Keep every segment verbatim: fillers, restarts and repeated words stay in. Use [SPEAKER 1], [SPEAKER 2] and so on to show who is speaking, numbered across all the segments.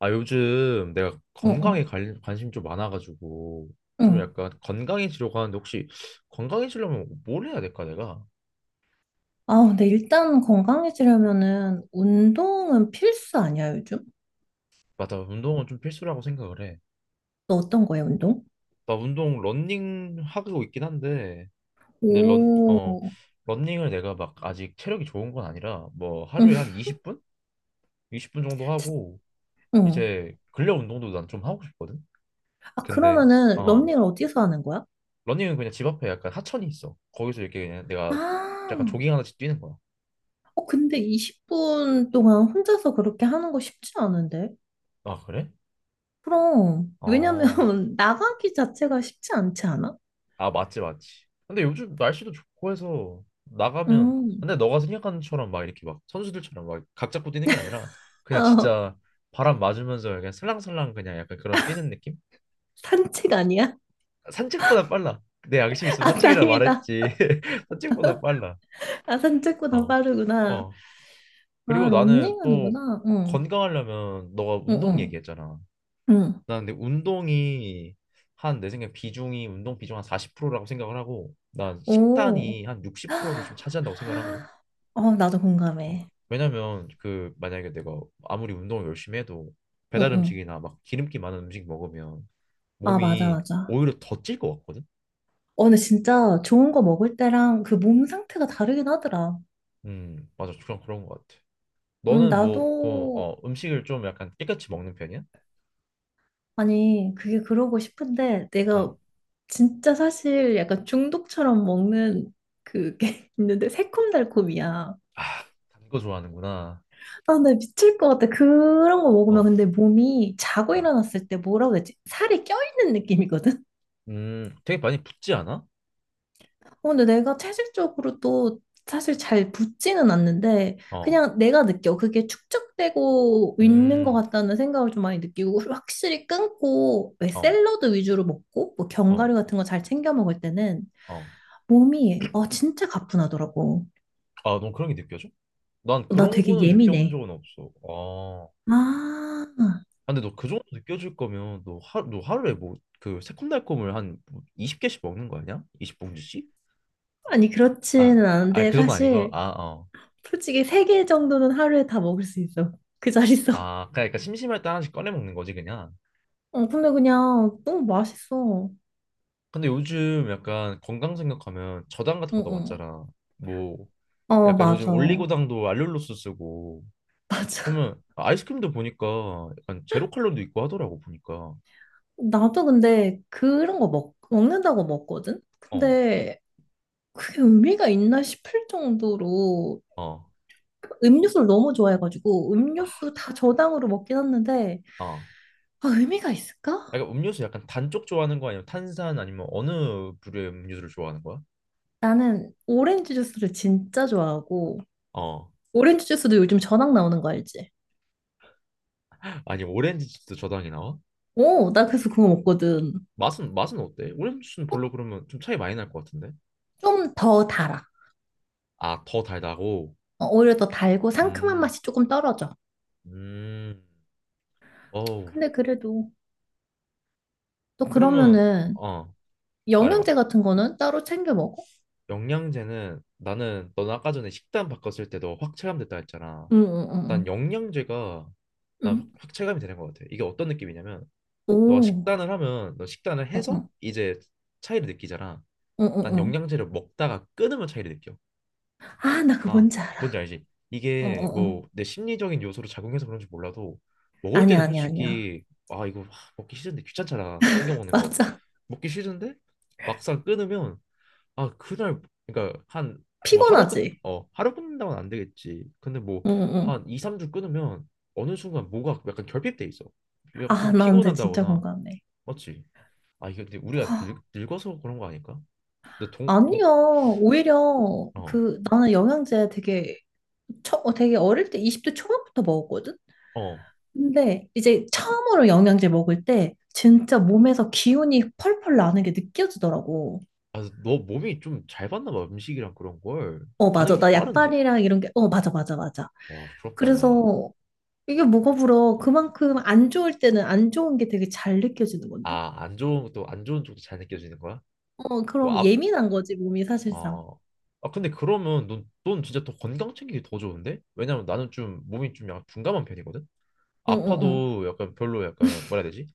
[SPEAKER 1] 아, 요즘 내가
[SPEAKER 2] 응,
[SPEAKER 1] 건강에
[SPEAKER 2] 응,
[SPEAKER 1] 관, 관심 좀 많아가지고 좀
[SPEAKER 2] 응.
[SPEAKER 1] 약간 건강해지려고 하는데 혹시 건강해지려면 뭘 해야 될까 내가?
[SPEAKER 2] 아, 근데 일단 건강해지려면은 운동은 필수 아니야, 요즘?
[SPEAKER 1] 맞아, 운동은 좀 필수라고 생각을 해.
[SPEAKER 2] 너 어떤 거야, 운동?
[SPEAKER 1] 나 운동 런닝 하고 있긴 한데 근데 런,
[SPEAKER 2] 오,
[SPEAKER 1] 어, 런닝을 내가 막 아직 체력이 좋은 건 아니라 뭐 하루에
[SPEAKER 2] 응,
[SPEAKER 1] 한 이십 분? 이십 분 정도
[SPEAKER 2] 참,
[SPEAKER 1] 하고
[SPEAKER 2] 응.
[SPEAKER 1] 이제 근력 운동도 난 좀 하고 싶거든?
[SPEAKER 2] 아,
[SPEAKER 1] 근데
[SPEAKER 2] 그러면은
[SPEAKER 1] 어,
[SPEAKER 2] 러닝을 어디서 하는 거야?
[SPEAKER 1] 러닝은 그냥 집 앞에 약간 하천이 있어. 거기서 이렇게 그냥 내가
[SPEAKER 2] 아,
[SPEAKER 1] 약간 조깅하듯이 뛰는 거야.
[SPEAKER 2] 어, 근데 이십 분 동안 혼자서 그렇게 하는 거 쉽지 않은데?
[SPEAKER 1] 아, 그래?
[SPEAKER 2] 그럼, 왜냐면
[SPEAKER 1] 어,
[SPEAKER 2] 나가기 자체가 쉽지 않지 않아?
[SPEAKER 1] 아, 맞지, 맞지. 근데 요즘 날씨도 좋고 해서 나가면,
[SPEAKER 2] 음,
[SPEAKER 1] 근데 너가 생각하는 처럼 막 이렇게 막 선수들처럼 막 각 잡고 뛰는 게 아니라 그냥
[SPEAKER 2] 어,
[SPEAKER 1] 진짜 바람 맞으면서 그냥 슬랑슬랑 그냥 약간 그런 뛰는 느낌?
[SPEAKER 2] 산책 아니야?
[SPEAKER 1] 산책보다 빨라. 내 양심 있으면
[SPEAKER 2] 아,
[SPEAKER 1] 산책이라
[SPEAKER 2] 다행이다.
[SPEAKER 1] 말했지. 산책보다 빨라.
[SPEAKER 2] 아, 산책보다
[SPEAKER 1] 어,
[SPEAKER 2] 빠르구나.
[SPEAKER 1] 어. 그리고
[SPEAKER 2] 아,
[SPEAKER 1] 나는
[SPEAKER 2] 러닝
[SPEAKER 1] 또
[SPEAKER 2] 하는구나. 응.
[SPEAKER 1] 건강하려면 너가
[SPEAKER 2] 응,
[SPEAKER 1] 운동
[SPEAKER 2] 응,
[SPEAKER 1] 얘기했잖아.
[SPEAKER 2] 응.
[SPEAKER 1] 나 근데 운동이 한 내 생각에 비중이 운동 비중 한 사십 프로라고 생각을 하고 난
[SPEAKER 2] 오.
[SPEAKER 1] 식단이 한 육십 프로를 좀 차지한다고 생각을 하거든.
[SPEAKER 2] 어, 나도
[SPEAKER 1] 어.
[SPEAKER 2] 공감해.
[SPEAKER 1] 왜냐면 그 만약에 내가 아무리 운동을 열심히 해도
[SPEAKER 2] 응,
[SPEAKER 1] 배달
[SPEAKER 2] 응.
[SPEAKER 1] 음식이나 막 기름기 많은 음식 먹으면
[SPEAKER 2] 아, 맞아,
[SPEAKER 1] 몸이
[SPEAKER 2] 맞아.
[SPEAKER 1] 오히려 더 찔 것 같거든.
[SPEAKER 2] 어, 근데 진짜 좋은 거 먹을 때랑 그 몸 상태가 다르긴 하더라.
[SPEAKER 1] 음, 맞아. 그냥 그런 것 같아.
[SPEAKER 2] 음,
[SPEAKER 1] 너는 뭐, 그,
[SPEAKER 2] 나도,
[SPEAKER 1] 어, 음식을 좀 약간 깨끗이 먹는 편이야?
[SPEAKER 2] 아니, 그게 그러고 싶은데, 내가
[SPEAKER 1] 음.
[SPEAKER 2] 진짜 사실 약간 중독처럼 먹는 그게 있는데, 새콤달콤이야.
[SPEAKER 1] 아, 단 거 좋아하는구나.
[SPEAKER 2] 아, 나 미칠 것 같아. 그런 거 먹으면
[SPEAKER 1] 어,
[SPEAKER 2] 근데 몸이 자고
[SPEAKER 1] 어.
[SPEAKER 2] 일어났을 때 뭐라고 해야 되지? 살이 껴있는 느낌이거든?
[SPEAKER 1] 음, 되게 많이 붓지 않아?
[SPEAKER 2] 어, 근데 내가 체질적으로 또 사실 잘 붙지는 않는데
[SPEAKER 1] 어,
[SPEAKER 2] 그냥 내가 느껴. 그게 축적되고 있는 것
[SPEAKER 1] 음,
[SPEAKER 2] 같다는 생각을 좀 많이 느끼고 확실히 끊고 왜
[SPEAKER 1] 어.
[SPEAKER 2] 샐러드 위주로 먹고 뭐
[SPEAKER 1] 어,
[SPEAKER 2] 견과류 같은 거 잘 챙겨 먹을 때는
[SPEAKER 1] 어.
[SPEAKER 2] 몸이 어, 진짜 가뿐하더라고.
[SPEAKER 1] 아, 넌 그런 게 느껴져? 난
[SPEAKER 2] 나
[SPEAKER 1] 그런
[SPEAKER 2] 되게
[SPEAKER 1] 거는 느껴본
[SPEAKER 2] 예민해.
[SPEAKER 1] 적은 없어. 아,
[SPEAKER 2] 아,
[SPEAKER 1] 아, 근데 너 그 정도 느껴질 거면 너 하루 너 하루에 뭐 그 새콤달콤을 한 스무 개씩 먹는 거 아니야? 스무 봉지씩?
[SPEAKER 2] 아니
[SPEAKER 1] 아,
[SPEAKER 2] 그렇지는
[SPEAKER 1] 아,
[SPEAKER 2] 않은데
[SPEAKER 1] 그 정도 아니고.
[SPEAKER 2] 사실
[SPEAKER 1] 아, 어.
[SPEAKER 2] 솔직히 세 개 정도는 하루에 다 먹을 수 있어. 그 자리에서.
[SPEAKER 1] 아, 그러니까 심심할 때 하나씩 꺼내 먹는 거지 그냥.
[SPEAKER 2] 어, 근데 그냥 너무 맛있어.
[SPEAKER 1] 근데 요즘 약간 건강 생각하면 저당 같은
[SPEAKER 2] 응,
[SPEAKER 1] 것도
[SPEAKER 2] 응.
[SPEAKER 1] 왔잖아. 뭐
[SPEAKER 2] 어,
[SPEAKER 1] 약간
[SPEAKER 2] 맞아.
[SPEAKER 1] 요즘 올리고당도 알룰로스 쓰고
[SPEAKER 2] 맞아.
[SPEAKER 1] 그러면 아이스크림도 보니까 약간 제로 칼로리도 있고 하더라고 보니까.
[SPEAKER 2] 나도 근데 그런 거 먹, 먹는다고 먹거든?
[SPEAKER 1] 어,
[SPEAKER 2] 근데 그게 의미가 있나 싶을 정도로
[SPEAKER 1] 어,
[SPEAKER 2] 음료수를 너무 좋아해가지고 음료수 다 저당으로 먹긴 했는데
[SPEAKER 1] 어.
[SPEAKER 2] 아, 의미가 있을까?
[SPEAKER 1] 약간 음료수 약간 단쪽 좋아하는 거 아니면 탄산 아니면 어느 부류의 음료수를 좋아하는 거야?
[SPEAKER 2] 나는 오렌지 주스를 진짜 좋아하고
[SPEAKER 1] 어.
[SPEAKER 2] 오렌지 주스도 요즘 저당 나오는 거 알지?
[SPEAKER 1] 아니 오렌지 주스 저당이 나와?
[SPEAKER 2] 오, 나 그래서 그거 먹거든.
[SPEAKER 1] 맛은 맛은 어때? 오렌지 주스는
[SPEAKER 2] 어,
[SPEAKER 1] 별로 그러면 좀 차이 많이 날 것 같은데.
[SPEAKER 2] 좀더 달아.
[SPEAKER 1] 아, 더 달다고?
[SPEAKER 2] 어, 오히려 더 달고 상큼한
[SPEAKER 1] 음.
[SPEAKER 2] 맛이 조금 떨어져.
[SPEAKER 1] 음. 어우.
[SPEAKER 2] 근데 그래도 또
[SPEAKER 1] 그러면
[SPEAKER 2] 그러면은
[SPEAKER 1] 어, 말해 봐.
[SPEAKER 2] 영양제 같은 거는 따로 챙겨 먹어?
[SPEAKER 1] 영양제는 나는 넌 아까 전에 식단 바꿨을 때도 확 체감됐다 했잖아.
[SPEAKER 2] 응응응응.
[SPEAKER 1] 난 영양제가
[SPEAKER 2] 응. 응,
[SPEAKER 1] 난
[SPEAKER 2] 응. 응.
[SPEAKER 1] 확 체감이 되는 것 같아. 이게 어떤 느낌이냐면 너가
[SPEAKER 2] 오.
[SPEAKER 1] 식단을 하면 너 식단을 해서
[SPEAKER 2] 응응.
[SPEAKER 1] 이제 차이를 느끼잖아. 난
[SPEAKER 2] 응응응.
[SPEAKER 1] 영양제를 먹다가 끊으면 차이를 느껴.
[SPEAKER 2] 아, 나 그거
[SPEAKER 1] 아,
[SPEAKER 2] 뭔지 알아.
[SPEAKER 1] 뭔지 알지? 이게
[SPEAKER 2] 어어어.
[SPEAKER 1] 뭐 내 심리적인 요소로 작용해서 그런지 몰라도 먹을
[SPEAKER 2] 아니야,
[SPEAKER 1] 때는
[SPEAKER 2] 아니야, 아니야.
[SPEAKER 1] 솔직히 아 이거 하, 먹기 싫은데 귀찮잖아 챙겨 먹는 거
[SPEAKER 2] 맞아.
[SPEAKER 1] 먹기 싫은데 막상 끊으면 아 그날 그러니까 한 뭐 하루
[SPEAKER 2] 피곤하지?
[SPEAKER 1] 끊어 하루 끊는다고는 안 되겠지 근데 뭐
[SPEAKER 2] 응응.
[SPEAKER 1] 한 이, 삼 주 끊으면 어느 순간 뭐가 약간 결핍돼 있어 약간
[SPEAKER 2] 아,
[SPEAKER 1] 좀
[SPEAKER 2] 나 근데 진짜
[SPEAKER 1] 피곤한다거나
[SPEAKER 2] 공감해.
[SPEAKER 1] 맞지? 아 이게 근데
[SPEAKER 2] 와,
[SPEAKER 1] 우리가 늙, 늙어서 그런 거 아닐까? 근데
[SPEAKER 2] 아니야.
[SPEAKER 1] 동동
[SPEAKER 2] 오히려
[SPEAKER 1] 어
[SPEAKER 2] 그 나는 영양제 되게 처, 어, 되게 어릴 때 이십 대 초반부터 먹었거든?
[SPEAKER 1] 어
[SPEAKER 2] 근데 이제 처음으로 영양제 먹을 때 진짜 몸에서 기운이 펄펄 나는 게 느껴지더라고.
[SPEAKER 1] 아, 너 몸이 좀 잘 받나 봐, 음식이랑 그런 걸.
[SPEAKER 2] 어,
[SPEAKER 1] 반응이
[SPEAKER 2] 맞아.
[SPEAKER 1] 좀
[SPEAKER 2] 나
[SPEAKER 1] 빠른데?
[SPEAKER 2] 약발이랑 이런 게, 어, 맞아, 맞아, 맞아.
[SPEAKER 1] 와, 부럽다, 야.
[SPEAKER 2] 그래서 이게 뭐가 부러워? 그만큼 안 좋을 때는 안 좋은 게 되게 잘 느껴지는 건데?
[SPEAKER 1] 아, 안 좋은 것도, 안 좋은 쪽도 잘 느껴지는 거야?
[SPEAKER 2] 어,
[SPEAKER 1] 뭐,
[SPEAKER 2] 그럼
[SPEAKER 1] 앞,
[SPEAKER 2] 예민한 거지, 몸이 사실상.
[SPEAKER 1] 어. 아, 근데 그러면 넌, 넌 진짜 더 건강 챙기기 더 좋은데? 왜냐면 나는 좀 몸이 좀 약간 둔감한 편이거든?
[SPEAKER 2] 응, 응, 응.
[SPEAKER 1] 아파도 약간 별로 약간, 뭐라 해야 되지?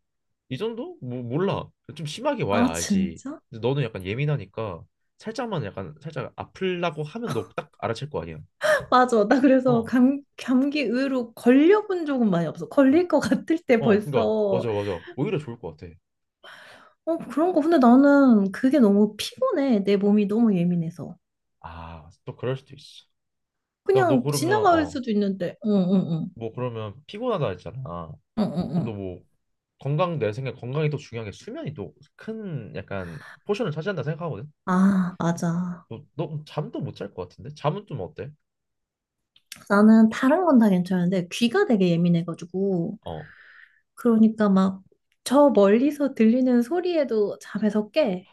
[SPEAKER 1] 이 정도? 뭐, 몰라. 좀 심하게 와야
[SPEAKER 2] 아,
[SPEAKER 1] 알지.
[SPEAKER 2] 진짜?
[SPEAKER 1] 근데 너는 약간 예민하니까 살짝만 약간, 살짝 아플라고 하면 너 딱 알아챌 거 아니야.
[SPEAKER 2] 맞아. 나 그래서
[SPEAKER 1] 어.
[SPEAKER 2] 감, 감기 의외로 걸려본 적은 많이 없어. 걸릴 것 같을 때
[SPEAKER 1] 어, 그러니까
[SPEAKER 2] 벌써.
[SPEAKER 1] 맞아, 맞아. 오히려 좋을 것 같아.
[SPEAKER 2] 어, 그런 거. 근데 나는 그게 너무 피곤해. 내 몸이 너무 예민해서.
[SPEAKER 1] 아, 또 그럴 수도 있어. 야, 너
[SPEAKER 2] 그냥
[SPEAKER 1] 그러면
[SPEAKER 2] 지나갈
[SPEAKER 1] 어,
[SPEAKER 2] 수도 있는데. 응, 응, 응.
[SPEAKER 1] 뭐 그러면 피곤하다 했잖아.
[SPEAKER 2] 응, 응,
[SPEAKER 1] 그럼 너
[SPEAKER 2] 응.
[SPEAKER 1] 뭐 건강 내 생각에 건강이 또 중요한 게 수면이 또 큰 약간 포션을 차지한다 생각하거든.
[SPEAKER 2] 아, 맞아.
[SPEAKER 1] 너, 너 잠도 못 잘 것 같은데? 잠은 좀 어때?
[SPEAKER 2] 나는 다른 건 다 괜찮은데 귀가 되게 예민해가지고.
[SPEAKER 1] 어,
[SPEAKER 2] 그러니까 막 저 멀리서 들리는 소리에도 잠에서 깨.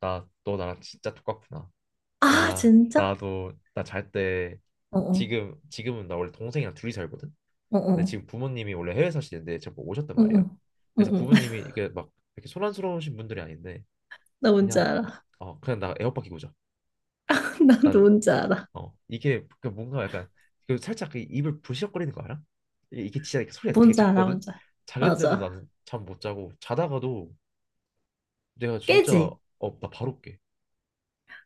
[SPEAKER 1] 나 너 나랑 진짜 똑같구나.
[SPEAKER 2] 아,
[SPEAKER 1] 나
[SPEAKER 2] 진짜?
[SPEAKER 1] 나도 나 잘 때
[SPEAKER 2] 어어,
[SPEAKER 1] 지금 지금은 나 원래 동생이랑 둘이 살거든. 근데
[SPEAKER 2] 어어,
[SPEAKER 1] 지금 부모님이 원래 해외 사시는데 제가 뭐 오셨단 말이야.
[SPEAKER 2] 어어,
[SPEAKER 1] 그래서
[SPEAKER 2] 어어.
[SPEAKER 1] 부모님이 이게 막 이렇게 소란스러우신 분들이 아닌데
[SPEAKER 2] 나 뭔지
[SPEAKER 1] 그냥
[SPEAKER 2] 알아.
[SPEAKER 1] 어 그냥 나 에어팟 끼고 자.
[SPEAKER 2] 나도
[SPEAKER 1] 난
[SPEAKER 2] 뭔지 알아.
[SPEAKER 1] 어, 이게 그 뭔가 약간 그 살짝 그 입을 부시럭거리는 거 알아? 이게, 이게 진짜 이렇게 소리가 되게
[SPEAKER 2] 뭔지 알아,
[SPEAKER 1] 작거든.
[SPEAKER 2] 뭔지 알아.
[SPEAKER 1] 작은데도
[SPEAKER 2] 맞아.
[SPEAKER 1] 나는 잠 못 자고 자다가도 내가 진짜
[SPEAKER 2] 깨지?
[SPEAKER 1] 어, 나 바로 깨.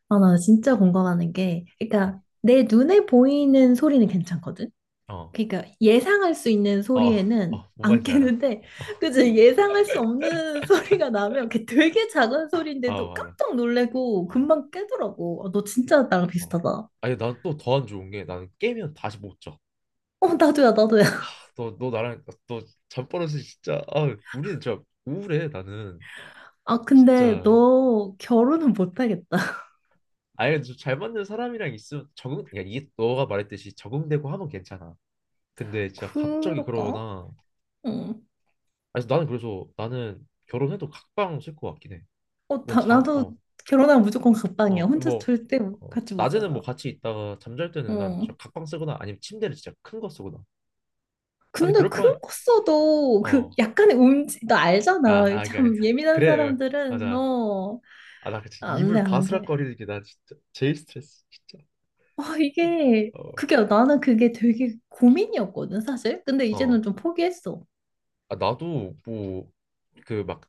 [SPEAKER 2] 아, 나 진짜 공감하는 게,
[SPEAKER 1] 응.
[SPEAKER 2] 그러니까 내 눈에 보이는 소리는 괜찮거든?
[SPEAKER 1] 어,
[SPEAKER 2] 그러니까 예상할 수 있는
[SPEAKER 1] 어,
[SPEAKER 2] 소리에는
[SPEAKER 1] 어, 뭔
[SPEAKER 2] 안
[SPEAKER 1] 말인지 알아.
[SPEAKER 2] 깨는데
[SPEAKER 1] 어,
[SPEAKER 2] 그치 예상할 수 없는 소리가 나면 그게 되게 작은
[SPEAKER 1] 아
[SPEAKER 2] 소리인데도
[SPEAKER 1] 맞아.
[SPEAKER 2] 깜짝 놀래고
[SPEAKER 1] 어,
[SPEAKER 2] 금방 깨더라고. 아, 너 진짜 나랑
[SPEAKER 1] 어.
[SPEAKER 2] 비슷하다.
[SPEAKER 1] 아니 난 또 더 안 좋은 게 나는 깨면 다시 못 자.
[SPEAKER 2] 어, 나도야, 나도야.
[SPEAKER 1] 너, 너 나랑 너 잠버릇이 진짜 아 우리는 진짜 우울해 나는
[SPEAKER 2] 아, 근데
[SPEAKER 1] 진짜
[SPEAKER 2] 너 결혼은 못하겠다.
[SPEAKER 1] 아니 좀잘 맞는 사람이랑 있으면 적응 그러니까 이게 너가 말했듯이 적응되고 하면 괜찮아 근데 진짜 갑자기
[SPEAKER 2] 그럴까?
[SPEAKER 1] 그러거나 아,
[SPEAKER 2] 응.
[SPEAKER 1] 그래서 나는 그래서 나는 결혼해도 각방 쓸 것 같긴 해
[SPEAKER 2] 어, 다, 나도
[SPEAKER 1] 난잠어어뭐
[SPEAKER 2] 결혼하면 무조건
[SPEAKER 1] 어,
[SPEAKER 2] 각방이야.
[SPEAKER 1] 어,
[SPEAKER 2] 혼자
[SPEAKER 1] 뭐,
[SPEAKER 2] 절대
[SPEAKER 1] 어,
[SPEAKER 2] 같이 못
[SPEAKER 1] 낮에는 뭐
[SPEAKER 2] 살아.
[SPEAKER 1] 같이 있다가 잠잘 때는 난 진짜
[SPEAKER 2] 응.
[SPEAKER 1] 각방 쓰거나 아니면 침대를 진짜 큰 거 쓰거나 아니
[SPEAKER 2] 근데
[SPEAKER 1] 그럴
[SPEAKER 2] 큰
[SPEAKER 1] 바에
[SPEAKER 2] 거 써도
[SPEAKER 1] 어아아
[SPEAKER 2] 그 약간의 움직, 나 알잖아. 참 예민한
[SPEAKER 1] 그래 어,
[SPEAKER 2] 사람들은
[SPEAKER 1] 맞아
[SPEAKER 2] 너
[SPEAKER 1] 아나 그치
[SPEAKER 2] 안 돼,
[SPEAKER 1] 입을
[SPEAKER 2] 안 돼.
[SPEAKER 1] 바스락거리는 게 나 진짜 제일 스트레스 진짜
[SPEAKER 2] 아, 이게,
[SPEAKER 1] 어
[SPEAKER 2] 그게, 나는 그게 되게 고민이었거든, 사실. 근데 이제는
[SPEAKER 1] 어.
[SPEAKER 2] 좀 포기했어.
[SPEAKER 1] 아, 나도 뭐 그 막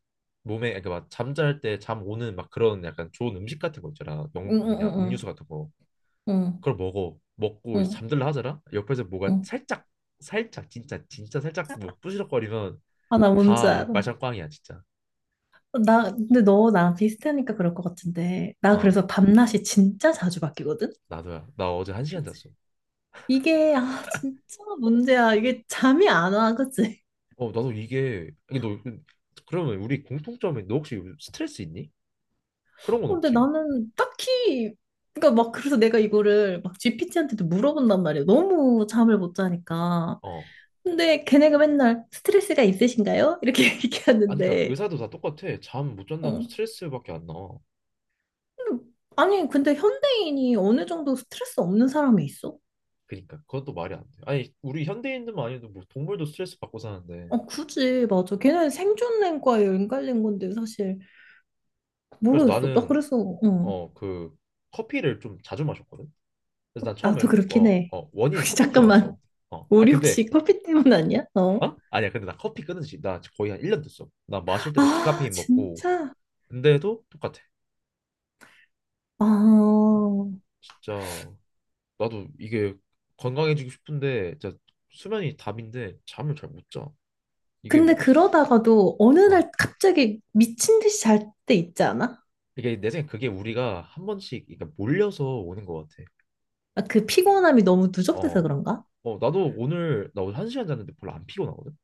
[SPEAKER 1] 몸에 그러니까 막 잠잘 때 잠 오는 막 그런 약간 좋은 음식 같은 거 있잖아. 영
[SPEAKER 2] 응, 응,
[SPEAKER 1] 뭐냐
[SPEAKER 2] 응,
[SPEAKER 1] 음료수 같은 거.
[SPEAKER 2] 응,
[SPEAKER 1] 그걸 먹어. 먹고
[SPEAKER 2] 응,
[SPEAKER 1] 이제
[SPEAKER 2] 응.
[SPEAKER 1] 잠들라 하잖아. 옆에서 뭐가
[SPEAKER 2] 응.
[SPEAKER 1] 살짝 살짝 진짜 진짜 살짝 뭐 부시럭거리면
[SPEAKER 2] 아, 나 뭔지
[SPEAKER 1] 다
[SPEAKER 2] 알아.
[SPEAKER 1] 말짱 꽝이야 진짜.
[SPEAKER 2] 나, 근데 너 나랑 비슷하니까 그럴 것 같은데. 나
[SPEAKER 1] 어
[SPEAKER 2] 그래서 밤낮이 진짜 자주 바뀌거든?
[SPEAKER 1] 나도야. 나 어제 한 시간 잤어.
[SPEAKER 2] 이게, 아, 진짜 문제야.
[SPEAKER 1] 어
[SPEAKER 2] 이게 잠이 안 와, 그치?
[SPEAKER 1] 어, 나도 이게 이게 너 그, 그러면 우리 공통점이 너 혹시 스트레스 있니? 그런 건
[SPEAKER 2] 근데
[SPEAKER 1] 없지.
[SPEAKER 2] 나는 딱히, 그러니까 막, 그래서 내가 이거를 막 지피티한테도 물어본단 말이야. 너무 잠을 못 자니까.
[SPEAKER 1] 어
[SPEAKER 2] 근데 걔네가 맨날 스트레스가 있으신가요? 이렇게
[SPEAKER 1] 아니 그러니까
[SPEAKER 2] 얘기하는데,
[SPEAKER 1] 의사도 다 똑같아. 잠 못 잔다면
[SPEAKER 2] 어.
[SPEAKER 1] 스트레스밖에 안 나와.
[SPEAKER 2] 근데 아니, 근데 현대인이 어느 정도 스트레스 없는 사람이 있어?
[SPEAKER 1] 그니까 그것도 말이 안 돼. 아니 우리 현대인들만 아니어도 뭐 동물도 스트레스 받고 사는데.
[SPEAKER 2] 어, 굳이, 맞아. 걔네는 생존과에 연관된 건데, 사실.
[SPEAKER 1] 그래서
[SPEAKER 2] 모르겠어. 나
[SPEAKER 1] 나는
[SPEAKER 2] 그래서, 어.
[SPEAKER 1] 어 그 커피를 좀 자주 마셨거든. 그래서 난 처음에
[SPEAKER 2] 나도 그렇긴
[SPEAKER 1] 어
[SPEAKER 2] 해.
[SPEAKER 1] 어 원인이
[SPEAKER 2] 혹시
[SPEAKER 1] 커피인 줄 알았어.
[SPEAKER 2] 잠깐만.
[SPEAKER 1] 어 아
[SPEAKER 2] 우리
[SPEAKER 1] 근데
[SPEAKER 2] 혹시 커피 때문 아니야? 어.
[SPEAKER 1] 어 아니야 근데 나 커피 끊은 지 나 거의 한 일 년 됐어. 나 마실 때도
[SPEAKER 2] 아,
[SPEAKER 1] 디카페인 먹고
[SPEAKER 2] 진짜?
[SPEAKER 1] 근데도 똑같아.
[SPEAKER 2] 아.
[SPEAKER 1] 어, 진짜 나도 이게 건강해지고 싶은데 진짜 수면이 답인데 잠을 잘 못 자. 이게
[SPEAKER 2] 근데 그러다가도 어느
[SPEAKER 1] 어
[SPEAKER 2] 날 갑자기 미친 듯이 잘 때 있지 않아?
[SPEAKER 1] 이게 내 생각에 그게 우리가 한 번씩 그러니까 몰려서 오는 것 같아.
[SPEAKER 2] 아, 그 피곤함이 너무 누적돼서
[SPEAKER 1] 어,
[SPEAKER 2] 그런가?
[SPEAKER 1] 어, 나도 오늘, 나 오늘 한 시간 잤는데 별로 안 피곤하거든?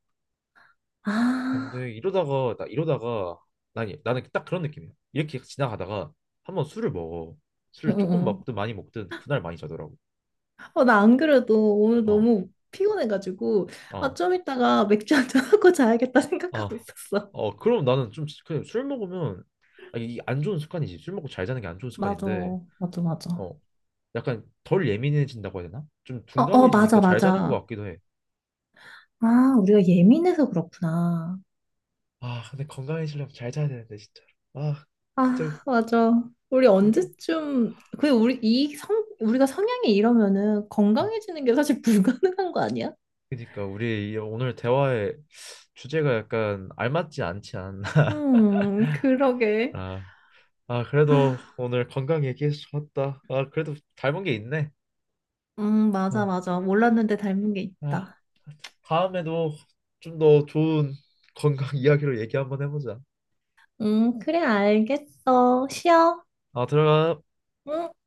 [SPEAKER 2] 아,
[SPEAKER 1] 근데 이러다가, 나 이러다가, 나는, 나는 딱 그런 느낌이야. 이렇게 지나가다가 한번 술을 먹어. 술을 조금
[SPEAKER 2] 응응응.
[SPEAKER 1] 먹든 많이 먹든 그날 많이 자더라고.
[SPEAKER 2] 어, 나 안 그래도 오늘
[SPEAKER 1] 어,
[SPEAKER 2] 너무 피곤해가지고, 아,
[SPEAKER 1] 어,
[SPEAKER 2] 좀 이따가 맥주 한잔 하고 자야겠다 생각하고
[SPEAKER 1] 어.
[SPEAKER 2] 있었어.
[SPEAKER 1] 어, 그럼 나는 좀, 그냥 술 먹으면, 아, 이안 좋은 습관이지. 술 먹고 잘 자는 게 안 좋은
[SPEAKER 2] 맞아,
[SPEAKER 1] 습관인데,
[SPEAKER 2] 맞아, 맞아.
[SPEAKER 1] 어, 약간 덜 예민해진다고 해야 되나? 좀
[SPEAKER 2] 어, 어,
[SPEAKER 1] 둔감해지니까
[SPEAKER 2] 맞아,
[SPEAKER 1] 잘 자는
[SPEAKER 2] 맞아.
[SPEAKER 1] 것 같기도 해.
[SPEAKER 2] 아, 우리가 예민해서 그렇구나.
[SPEAKER 1] 아, 근데 건강해지려면 잘 자야 되는데, 진짜. 아, 진짜.
[SPEAKER 2] 아, 맞아. 우리
[SPEAKER 1] 으,
[SPEAKER 2] 언제쯤, 그, 우리, 이 성, 우리가 성향이 이러면은
[SPEAKER 1] 어.
[SPEAKER 2] 건강해지는 게 사실 불가능한 거 아니야?
[SPEAKER 1] 그러니까 우리 이 오늘 대화의 주제가 약간 알맞지 않지 않나.
[SPEAKER 2] 음, 그러게.
[SPEAKER 1] 아, 아
[SPEAKER 2] 아,
[SPEAKER 1] 그래도 오늘 건강 얘기해서 좋았다. 아 그래도 닮은 게 있네.
[SPEAKER 2] 음, 맞아,
[SPEAKER 1] 아,
[SPEAKER 2] 맞아. 몰랐는데 닮은 게
[SPEAKER 1] 아
[SPEAKER 2] 있다.
[SPEAKER 1] 다음에도 좀 더 좋은 건강 이야기로 얘기 한번 해보자.
[SPEAKER 2] 음, 그래, 알겠어. 쉬어.
[SPEAKER 1] 아 들어가.
[SPEAKER 2] 응?